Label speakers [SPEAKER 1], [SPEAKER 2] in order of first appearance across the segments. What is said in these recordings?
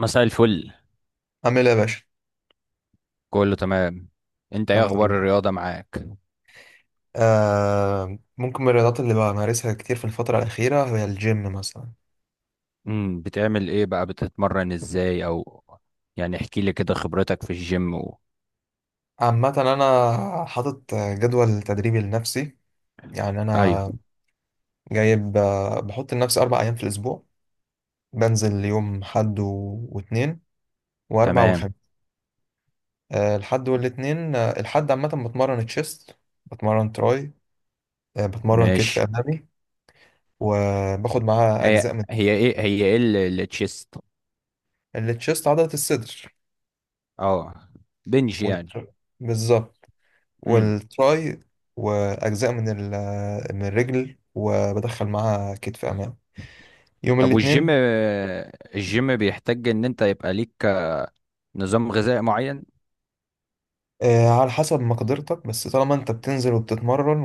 [SPEAKER 1] مساء الفل.
[SPEAKER 2] عامل ايه يا باشا؟
[SPEAKER 1] كله تمام. انت ايه
[SPEAKER 2] الحمد
[SPEAKER 1] اخبار
[SPEAKER 2] لله.
[SPEAKER 1] الرياضة معاك؟
[SPEAKER 2] ممكن من الرياضات اللي بمارسها كتير في الفترة الأخيرة هي الجيم مثلا.
[SPEAKER 1] بتعمل ايه بقى؟ بتتمرن ازاي، او يعني احكي لي كده خبرتك في الجيم و...
[SPEAKER 2] عامة أنا حاطط جدول تدريبي لنفسي. يعني أنا
[SPEAKER 1] ايوه.
[SPEAKER 2] جايب، بحط لنفسي أربع أيام في الأسبوع. بنزل يوم حد و- واتنين وأربع
[SPEAKER 1] تمام.
[SPEAKER 2] وخميس. الحد والاتنين، الحد عامة بتمرن تشيست، بتمرن تراي، بتمرن كتف
[SPEAKER 1] ماشي.
[SPEAKER 2] أمامي، وباخد معاها
[SPEAKER 1] هي
[SPEAKER 2] أجزاء من
[SPEAKER 1] هي ايه هي ايه ال- التشيست؟
[SPEAKER 2] التشيست عضلة الصدر
[SPEAKER 1] اه، بنج يعني.
[SPEAKER 2] وال- بالظبط،
[SPEAKER 1] امم
[SPEAKER 2] والتراي، واجزاء من الرجل، وبدخل معاها كتف امام يوم
[SPEAKER 1] طب، والجيم،
[SPEAKER 2] الاثنين.
[SPEAKER 1] الجيم بيحتاج ان انت يبقى ليك نظام غذائي معين؟
[SPEAKER 2] على حسب مقدرتك، بس طالما انت بتنزل وبتتمرن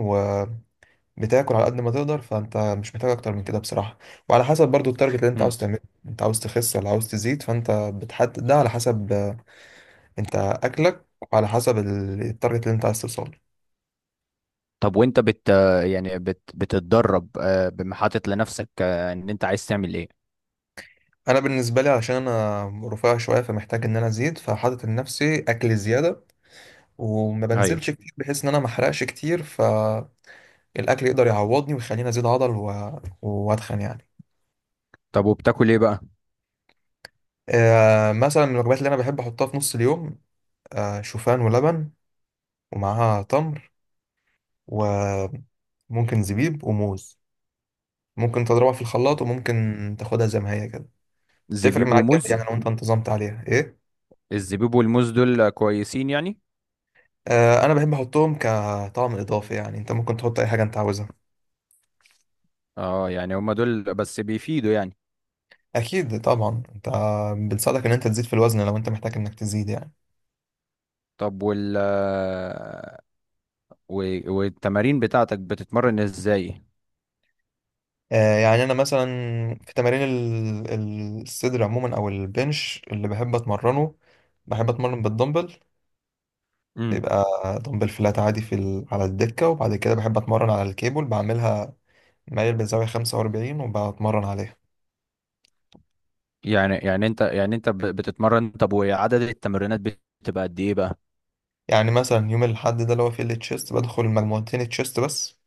[SPEAKER 2] وبتاكل على قد ما تقدر، فانت مش محتاج اكتر من كده بصراحة، وعلى حسب برضو التارجت اللي انت عاوز
[SPEAKER 1] امم
[SPEAKER 2] تعمله. انت عاوز تخس ولا عاوز تزيد؟ فانت بتحدد ده على حسب انت اكلك، وعلى حسب التارجت اللي انت عايز توصله.
[SPEAKER 1] طب، وانت بت يعني بت بتتدرب، حاطط لنفسك ان انت عايز تعمل ايه؟
[SPEAKER 2] انا بالنسبة لي علشان انا رفيع شوية فمحتاج ان انا ازيد، فحاطط لنفسي اكل زيادة وما
[SPEAKER 1] ايوه.
[SPEAKER 2] بنزلش كتير بحيث ان انا ما احرقش كتير، فالاكل يقدر يعوضني ويخليني ازيد عضل واتخن يعني.
[SPEAKER 1] طب، وبتاكل ايه بقى؟
[SPEAKER 2] مثلا من الوجبات اللي انا بحب احطها في نص اليوم، شوفان ولبن ومعاها تمر وممكن زبيب وموز. ممكن تضربها في الخلاط وممكن تاخدها زي ما هي كده. تفرق
[SPEAKER 1] زبيب
[SPEAKER 2] معاك جامد
[SPEAKER 1] وموز.
[SPEAKER 2] يعني لو انت انتظمت عليها ايه.
[SPEAKER 1] الزبيب والموز دول كويسين يعني؟
[SPEAKER 2] انا بحب احطهم كطعم اضافي يعني، انت ممكن تحط اي حاجه انت عاوزها.
[SPEAKER 1] اه، يعني هما دول بس بيفيدوا يعني؟
[SPEAKER 2] اكيد طبعا، انت بنساعدك ان انت تزيد في الوزن لو انت محتاج انك تزيد يعني.
[SPEAKER 1] طب، والتمارين بتاعتك بتتمرن ازاي؟
[SPEAKER 2] يعني انا مثلا في تمارين الصدر عموما او البنش اللي بحب اتمرنه، بحب اتمرن بالدمبل.
[SPEAKER 1] امم
[SPEAKER 2] يبقى دمبل فلات عادي على الدكة، وبعد كده بحب اتمرن على الكيبل بعملها مايل بزاوية 45 وبتمرن عليها.
[SPEAKER 1] يعني انت بتتمرن. طب، وعدد التمرينات بتبقى قد ايه بقى؟
[SPEAKER 2] يعني مثلا يوم الاحد ده اللي هو فيه التشيست، بدخل مجموعتين تشيست بس،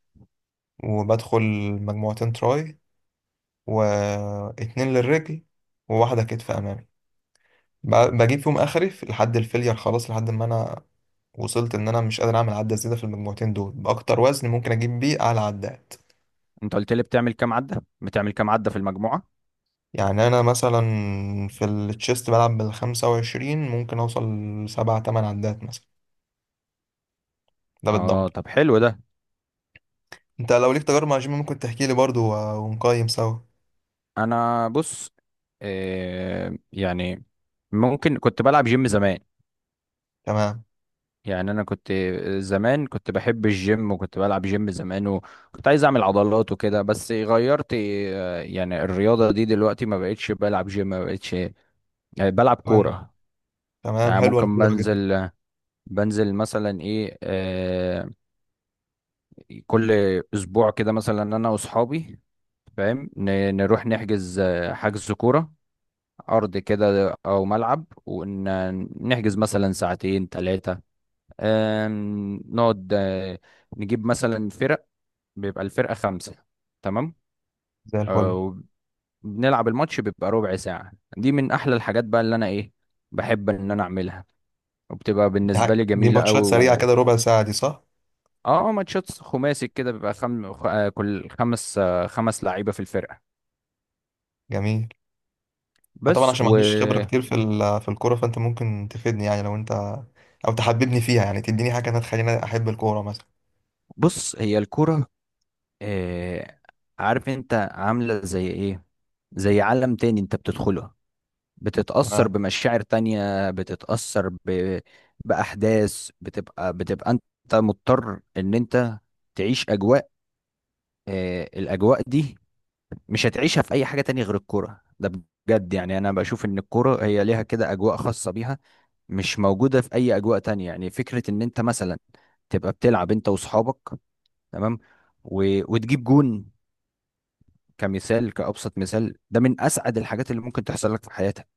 [SPEAKER 2] وبدخل مجموعتين تراي، واتنين للرجل، وواحدة كتف امامي. ب- بجيب فيهم اخري لحد الفيلير خلاص، لحد ما انا وصلت ان انا مش قادر اعمل عدة زيادة في المجموعتين دول باكتر وزن ممكن اجيب بيه اعلى عدات.
[SPEAKER 1] انت قلت لي بتعمل كام عدة في المجموعة؟
[SPEAKER 2] يعني انا مثلا في التشيست بلعب بالخمسة وعشرين، ممكن اوصل لسبعة تمن عدات مثلا، ده
[SPEAKER 1] اه،
[SPEAKER 2] بالدمبل.
[SPEAKER 1] طب، حلو ده.
[SPEAKER 2] انت لو ليك تجارب مع جيم ممكن تحكي لي برضو و- ونقيم سوا.
[SPEAKER 1] انا بص. يعني ممكن كنت بلعب جيم زمان.
[SPEAKER 2] تمام،
[SPEAKER 1] يعني انا كنت زمان كنت بحب الجيم، وكنت بلعب جيم زمان، وكنت عايز اعمل عضلات وكده. بس غيرت، يعني الرياضة دي دلوقتي، ما بقتش بلعب جيم، ما بقتش بلعب
[SPEAKER 2] تمام،
[SPEAKER 1] كورة.
[SPEAKER 2] تمام،
[SPEAKER 1] يعني
[SPEAKER 2] حلوة
[SPEAKER 1] ممكن
[SPEAKER 2] الكورة جدا.
[SPEAKER 1] بنزل مثلا ايه، كل اسبوع كده مثلا انا واصحابي، فاهم؟ نروح نحجز حجز كورة، ارض كده او ملعب، ونحجز مثلا ساعتين 3. نقعد، نجيب مثلا فرق، بيبقى الفرقة 5. تمام.
[SPEAKER 2] زي الفل.
[SPEAKER 1] آه، وبنلعب الماتش، بيبقى ربع ساعة. دي من أحلى الحاجات بقى اللي أنا بحب إن أنا أعملها، وبتبقى
[SPEAKER 2] دي,
[SPEAKER 1] بالنسبة
[SPEAKER 2] حاجة.
[SPEAKER 1] لي
[SPEAKER 2] دي
[SPEAKER 1] جميلة أوي.
[SPEAKER 2] ماتشات سريعة
[SPEAKER 1] و...
[SPEAKER 2] كده، ربع ساعة دي صح؟
[SPEAKER 1] ماتشات خماسي كده، بيبقى خم... خ- آه، كل خمس لعيبة في الفرقة.
[SPEAKER 2] جميل. أنا طبعا
[SPEAKER 1] بس.
[SPEAKER 2] عشان ما عنديش خبرة
[SPEAKER 1] وبص.
[SPEAKER 2] كتير في الكورة، فانت ممكن تفيدني يعني لو انت، او تحببني فيها يعني، تديني حاجة أنا تخليني احب الكورة
[SPEAKER 1] هي الكرة، آه، عارف أنت؟ عاملة زي إيه، زي عالم تاني أنت بتدخله. بتتأثر
[SPEAKER 2] مثلا.
[SPEAKER 1] بمشاعر تانية، بتتأثر بأحداث. بتبقى انت مضطر ان انت تعيش اجواء، الاجواء دي مش هتعيشها في اي حاجة تانية غير الكورة ده، بجد. يعني انا بشوف ان الكورة هي ليها كده اجواء خاصة بيها، مش موجودة في اي اجواء تانية. يعني فكرة ان انت مثلا تبقى بتلعب انت واصحابك، تمام، و... وتجيب جون كمثال، كأبسط مثال، ده من اسعد الحاجات اللي ممكن تحصل لك في حياتك.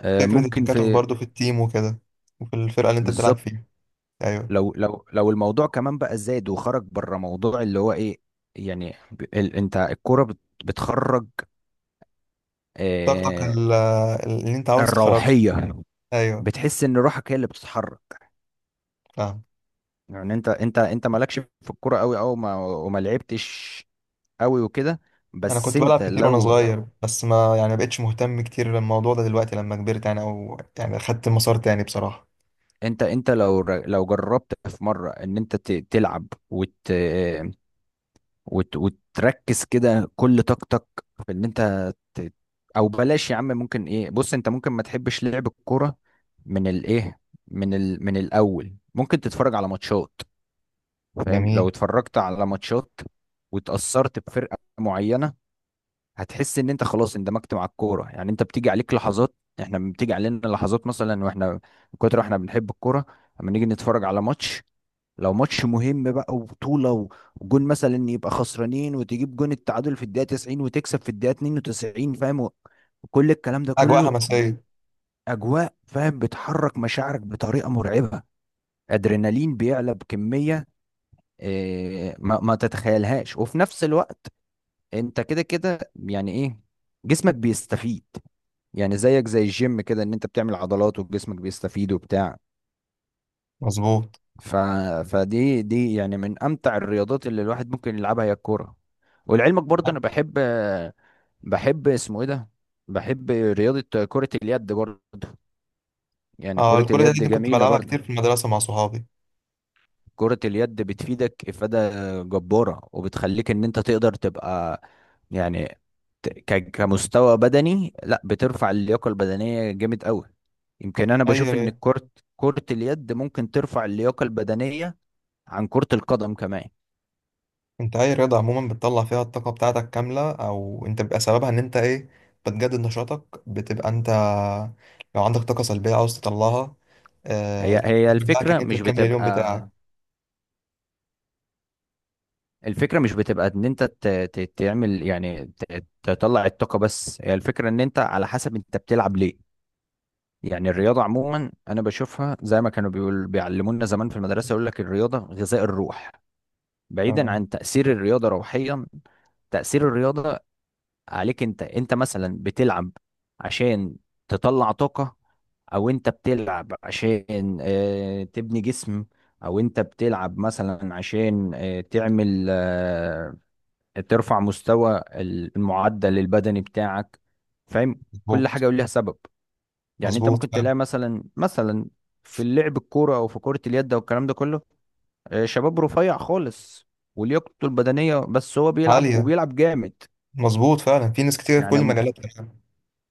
[SPEAKER 2] فكرة
[SPEAKER 1] ممكن
[SPEAKER 2] التكاتف
[SPEAKER 1] في...
[SPEAKER 2] برضو في التيم وكده، وفي الفرقة اللي انت بتلعب
[SPEAKER 1] بالظبط.
[SPEAKER 2] فيها. ايوه.
[SPEAKER 1] لو الموضوع كمان بقى زاد وخرج بره، موضوع اللي هو ايه، يعني ب- ال انت الكوره بتخرج
[SPEAKER 2] طاقتك
[SPEAKER 1] آه
[SPEAKER 2] اللي انت عاوز تخرجها.
[SPEAKER 1] الروحيه،
[SPEAKER 2] ايوه.
[SPEAKER 1] بتحس ان روحك هي اللي بتتحرك.
[SPEAKER 2] فاهم.
[SPEAKER 1] يعني انت مالكش في الكوره قوي، او ما وما لعبتش قوي وكده.
[SPEAKER 2] انا
[SPEAKER 1] بس
[SPEAKER 2] كنت بلعب
[SPEAKER 1] انت
[SPEAKER 2] كتير وانا
[SPEAKER 1] لو،
[SPEAKER 2] صغير، بس ما بقتش مهتم كتير للموضوع ده دلوقتي لما كبرت يعني، او يعني خدت مسار تاني بصراحة.
[SPEAKER 1] لو جربت في مره ان انت تلعب وت آه، وت وتركز كده كل طاقتك في ان انت ت- او بلاش يا عم. ممكن ايه، بص، انت ممكن ما تحبش لعب الكوره، من الايه من ال... من الاول ممكن تتفرج على ماتشات. فاهم؟ لو
[SPEAKER 2] جميل.
[SPEAKER 1] اتفرجت على ماتشات واتأثرت بفرقه معينه، هتحس ان انت خلاص اندمجت مع الكوره. يعني انت بتيجي عليك لحظات، احنا بتيجي علينا لحظات مثلا، واحنا من كتر احنا بنحب الكوره، لما نيجي نتفرج على ماتش، لو ماتش مهم بقى وبطولة، وجون مثلا يبقى خسرانين وتجيب جون التعادل في الدقيقة 90 وتكسب في الدقيقة 92. فاهم؟ كل الكلام ده
[SPEAKER 2] اجواء
[SPEAKER 1] كله
[SPEAKER 2] حماسية.
[SPEAKER 1] بأجواء، فاهم؟ بتحرك مشاعرك بطريقة مرعبة. أدرينالين بيعلى بكمية ما تتخيلهاش. وفي نفس الوقت، انت كده كده، يعني ايه، جسمك بيستفيد. يعني زيك زي الجيم كده، ان انت بتعمل عضلات وجسمك بيستفيد وبتاع.
[SPEAKER 2] مظبوط.
[SPEAKER 1] ف... فدي، دي يعني من امتع الرياضات اللي الواحد ممكن يلعبها، هي الكوره. ولعلمك برضه انا بحب اسمه ايه ده، بحب رياضه كره اليد برضه. يعني
[SPEAKER 2] اه
[SPEAKER 1] كره
[SPEAKER 2] الكرة
[SPEAKER 1] اليد
[SPEAKER 2] دي كنت
[SPEAKER 1] جميله
[SPEAKER 2] بلعبها كتير في
[SPEAKER 1] برضه.
[SPEAKER 2] المدرسة مع صحابي.
[SPEAKER 1] كره اليد بتفيدك افاده جباره، وبتخليك ان انت تقدر تبقى يعني كمستوى بدني، لا بترفع اللياقه البدنيه جامد قوي. يمكن انا بشوف ان
[SPEAKER 2] ايوه.
[SPEAKER 1] كره اليد ممكن ترفع اللياقه البدنيه عن كره القدم كمان.
[SPEAKER 2] انت اي رياضة عموما بتطلع فيها الطاقة بتاعتك كاملة، او انت بيبقى سببها ان انت ايه، بتجدد نشاطك، بتبقى انت لو عندك طاقة سلبية عاوز تطلعها،
[SPEAKER 1] هي هي
[SPEAKER 2] بتاعك ان
[SPEAKER 1] الفكرة
[SPEAKER 2] انت
[SPEAKER 1] مش
[SPEAKER 2] تكمل اليوم
[SPEAKER 1] بتبقى،
[SPEAKER 2] بتاعك.
[SPEAKER 1] الفكرة مش بتبقى ان انت تعمل يعني تطلع الطاقة، بس هي الفكرة ان انت على حسب انت بتلعب ليه. يعني الرياضة عموما انا بشوفها زي ما كانوا بيعلمونا زمان في المدرسة، يقول لك الرياضة غذاء الروح. بعيدا
[SPEAKER 2] تمام.
[SPEAKER 1] عن تأثير الرياضة روحيا، تأثير الرياضة عليك، انت مثلا بتلعب عشان تطلع طاقة، او انت بتلعب عشان تبني جسم، او انت بتلعب مثلا عشان آه، تعمل آه، ترفع مستوى المعدل البدني بتاعك. فاهم؟ كل
[SPEAKER 2] مظبوط.
[SPEAKER 1] حاجة وليها سبب. يعني انت
[SPEAKER 2] مظبوط
[SPEAKER 1] ممكن
[SPEAKER 2] فعلا.
[SPEAKER 1] تلاقي مثلا في اللعب الكورة او في كرة اليد او الكلام ده كله، شباب رفيع خالص ولياقته البدنية، بس هو بيلعب
[SPEAKER 2] عالية.
[SPEAKER 1] وبيلعب جامد.
[SPEAKER 2] مظبوط فعلا، في ناس كتير في كل
[SPEAKER 1] يعني
[SPEAKER 2] المجالات كمان.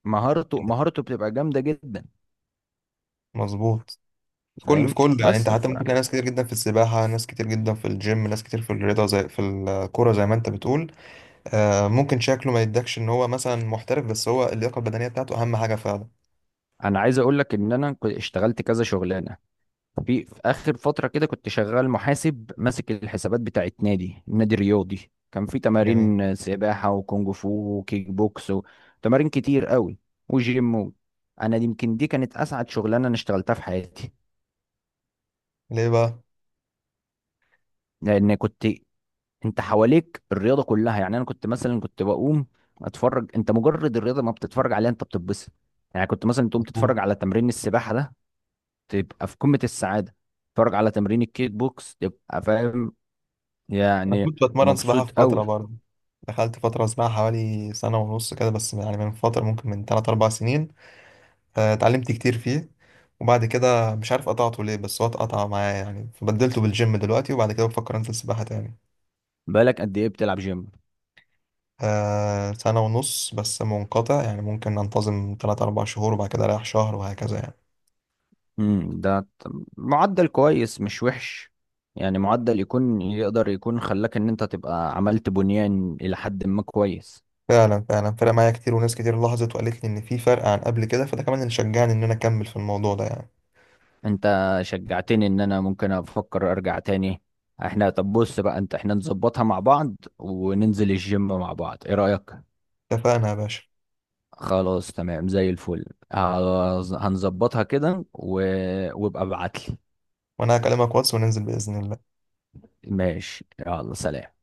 [SPEAKER 1] مهارته بتبقى جامدة جدا،
[SPEAKER 2] مظبوط، في كل
[SPEAKER 1] فاهم؟
[SPEAKER 2] في كل يعني، انت
[SPEAKER 1] بس.
[SPEAKER 2] حتى ممكن تلاقي ناس كتير جدا في السباحة، ناس كتير جدا في الجيم، ناس كتير في الرياضة زي في الكورة زي ما انت بتقول. ممكن شكله ما يدكش ان هو مثلا محترف، بس هو اللياقة البدنية بتاعته اهم حاجة فعلا.
[SPEAKER 1] انا عايز اقول لك ان انا كنت اشتغلت كذا شغلانه، في اخر فتره كده، كنت شغال محاسب ماسك الحسابات بتاعت نادي رياضي، كان في
[SPEAKER 2] جميل.
[SPEAKER 1] تمارين سباحه، وكونج فو، وكيك بوكس، وتمارين كتير قوي، وجيم و... يمكن دي كانت اسعد شغلانه انا اشتغلتها في حياتي.
[SPEAKER 2] ليه بقى؟
[SPEAKER 1] لان كنت، انت حواليك الرياضه كلها. يعني انا كنت مثلا بقوم اتفرج، انت مجرد الرياضه ما بتتفرج عليها انت بتتبسط. يعني كنت مثلا تقوم
[SPEAKER 2] مظبوط.
[SPEAKER 1] تتفرج على تمرين السباحه ده، تبقى في قمة السعادة، اتفرج على تمرين الكيك بوكس تبقى فاهم،
[SPEAKER 2] انا
[SPEAKER 1] يعني
[SPEAKER 2] كنت بتمرن سباحه
[SPEAKER 1] مبسوط
[SPEAKER 2] في فتره
[SPEAKER 1] قوي.
[SPEAKER 2] برضه. دخلت فتره سباحه حوالي سنه ونص كده، بس يعني من فتره، ممكن من 3 4 سنين. اتعلمت كتير فيه، وبعد كده مش عارف قطعته ليه، بس هو اتقطع معايا يعني، فبدلته بالجيم دلوقتي، وبعد كده بفكر انزل سباحه تاني.
[SPEAKER 1] بالك قد ايه بتلعب جيم؟
[SPEAKER 2] سنه ونص بس منقطع يعني، ممكن انتظم 3 4 شهور وبعد كده اريح شهر وهكذا يعني.
[SPEAKER 1] امم ده ت- معدل كويس، مش وحش. يعني معدل يكون يقدر يكون خلاك ان انت تبقى عملت بنيان الى حد ما كويس.
[SPEAKER 2] فعلا، فعلا فرق معايا كتير، وناس كتير لاحظت وقالت لي ان في فرق عن قبل كده، فده كمان اللي شجعني ان انا اكمل في الموضوع ده يعني.
[SPEAKER 1] انت شجعتني ان انا ممكن افكر ارجع تاني. احنا، طب بص بقى انت، احنا نظبطها مع بعض وننزل الجيم مع بعض، ايه رأيك؟
[SPEAKER 2] اتفقنا يا باشا.
[SPEAKER 1] خلاص، تمام، زي الفل. هنظبطها كده وابقى ابعتلي.
[SPEAKER 2] وانا هكلمك واتس وننزل باذن الله.
[SPEAKER 1] ماشي، يلا سلام.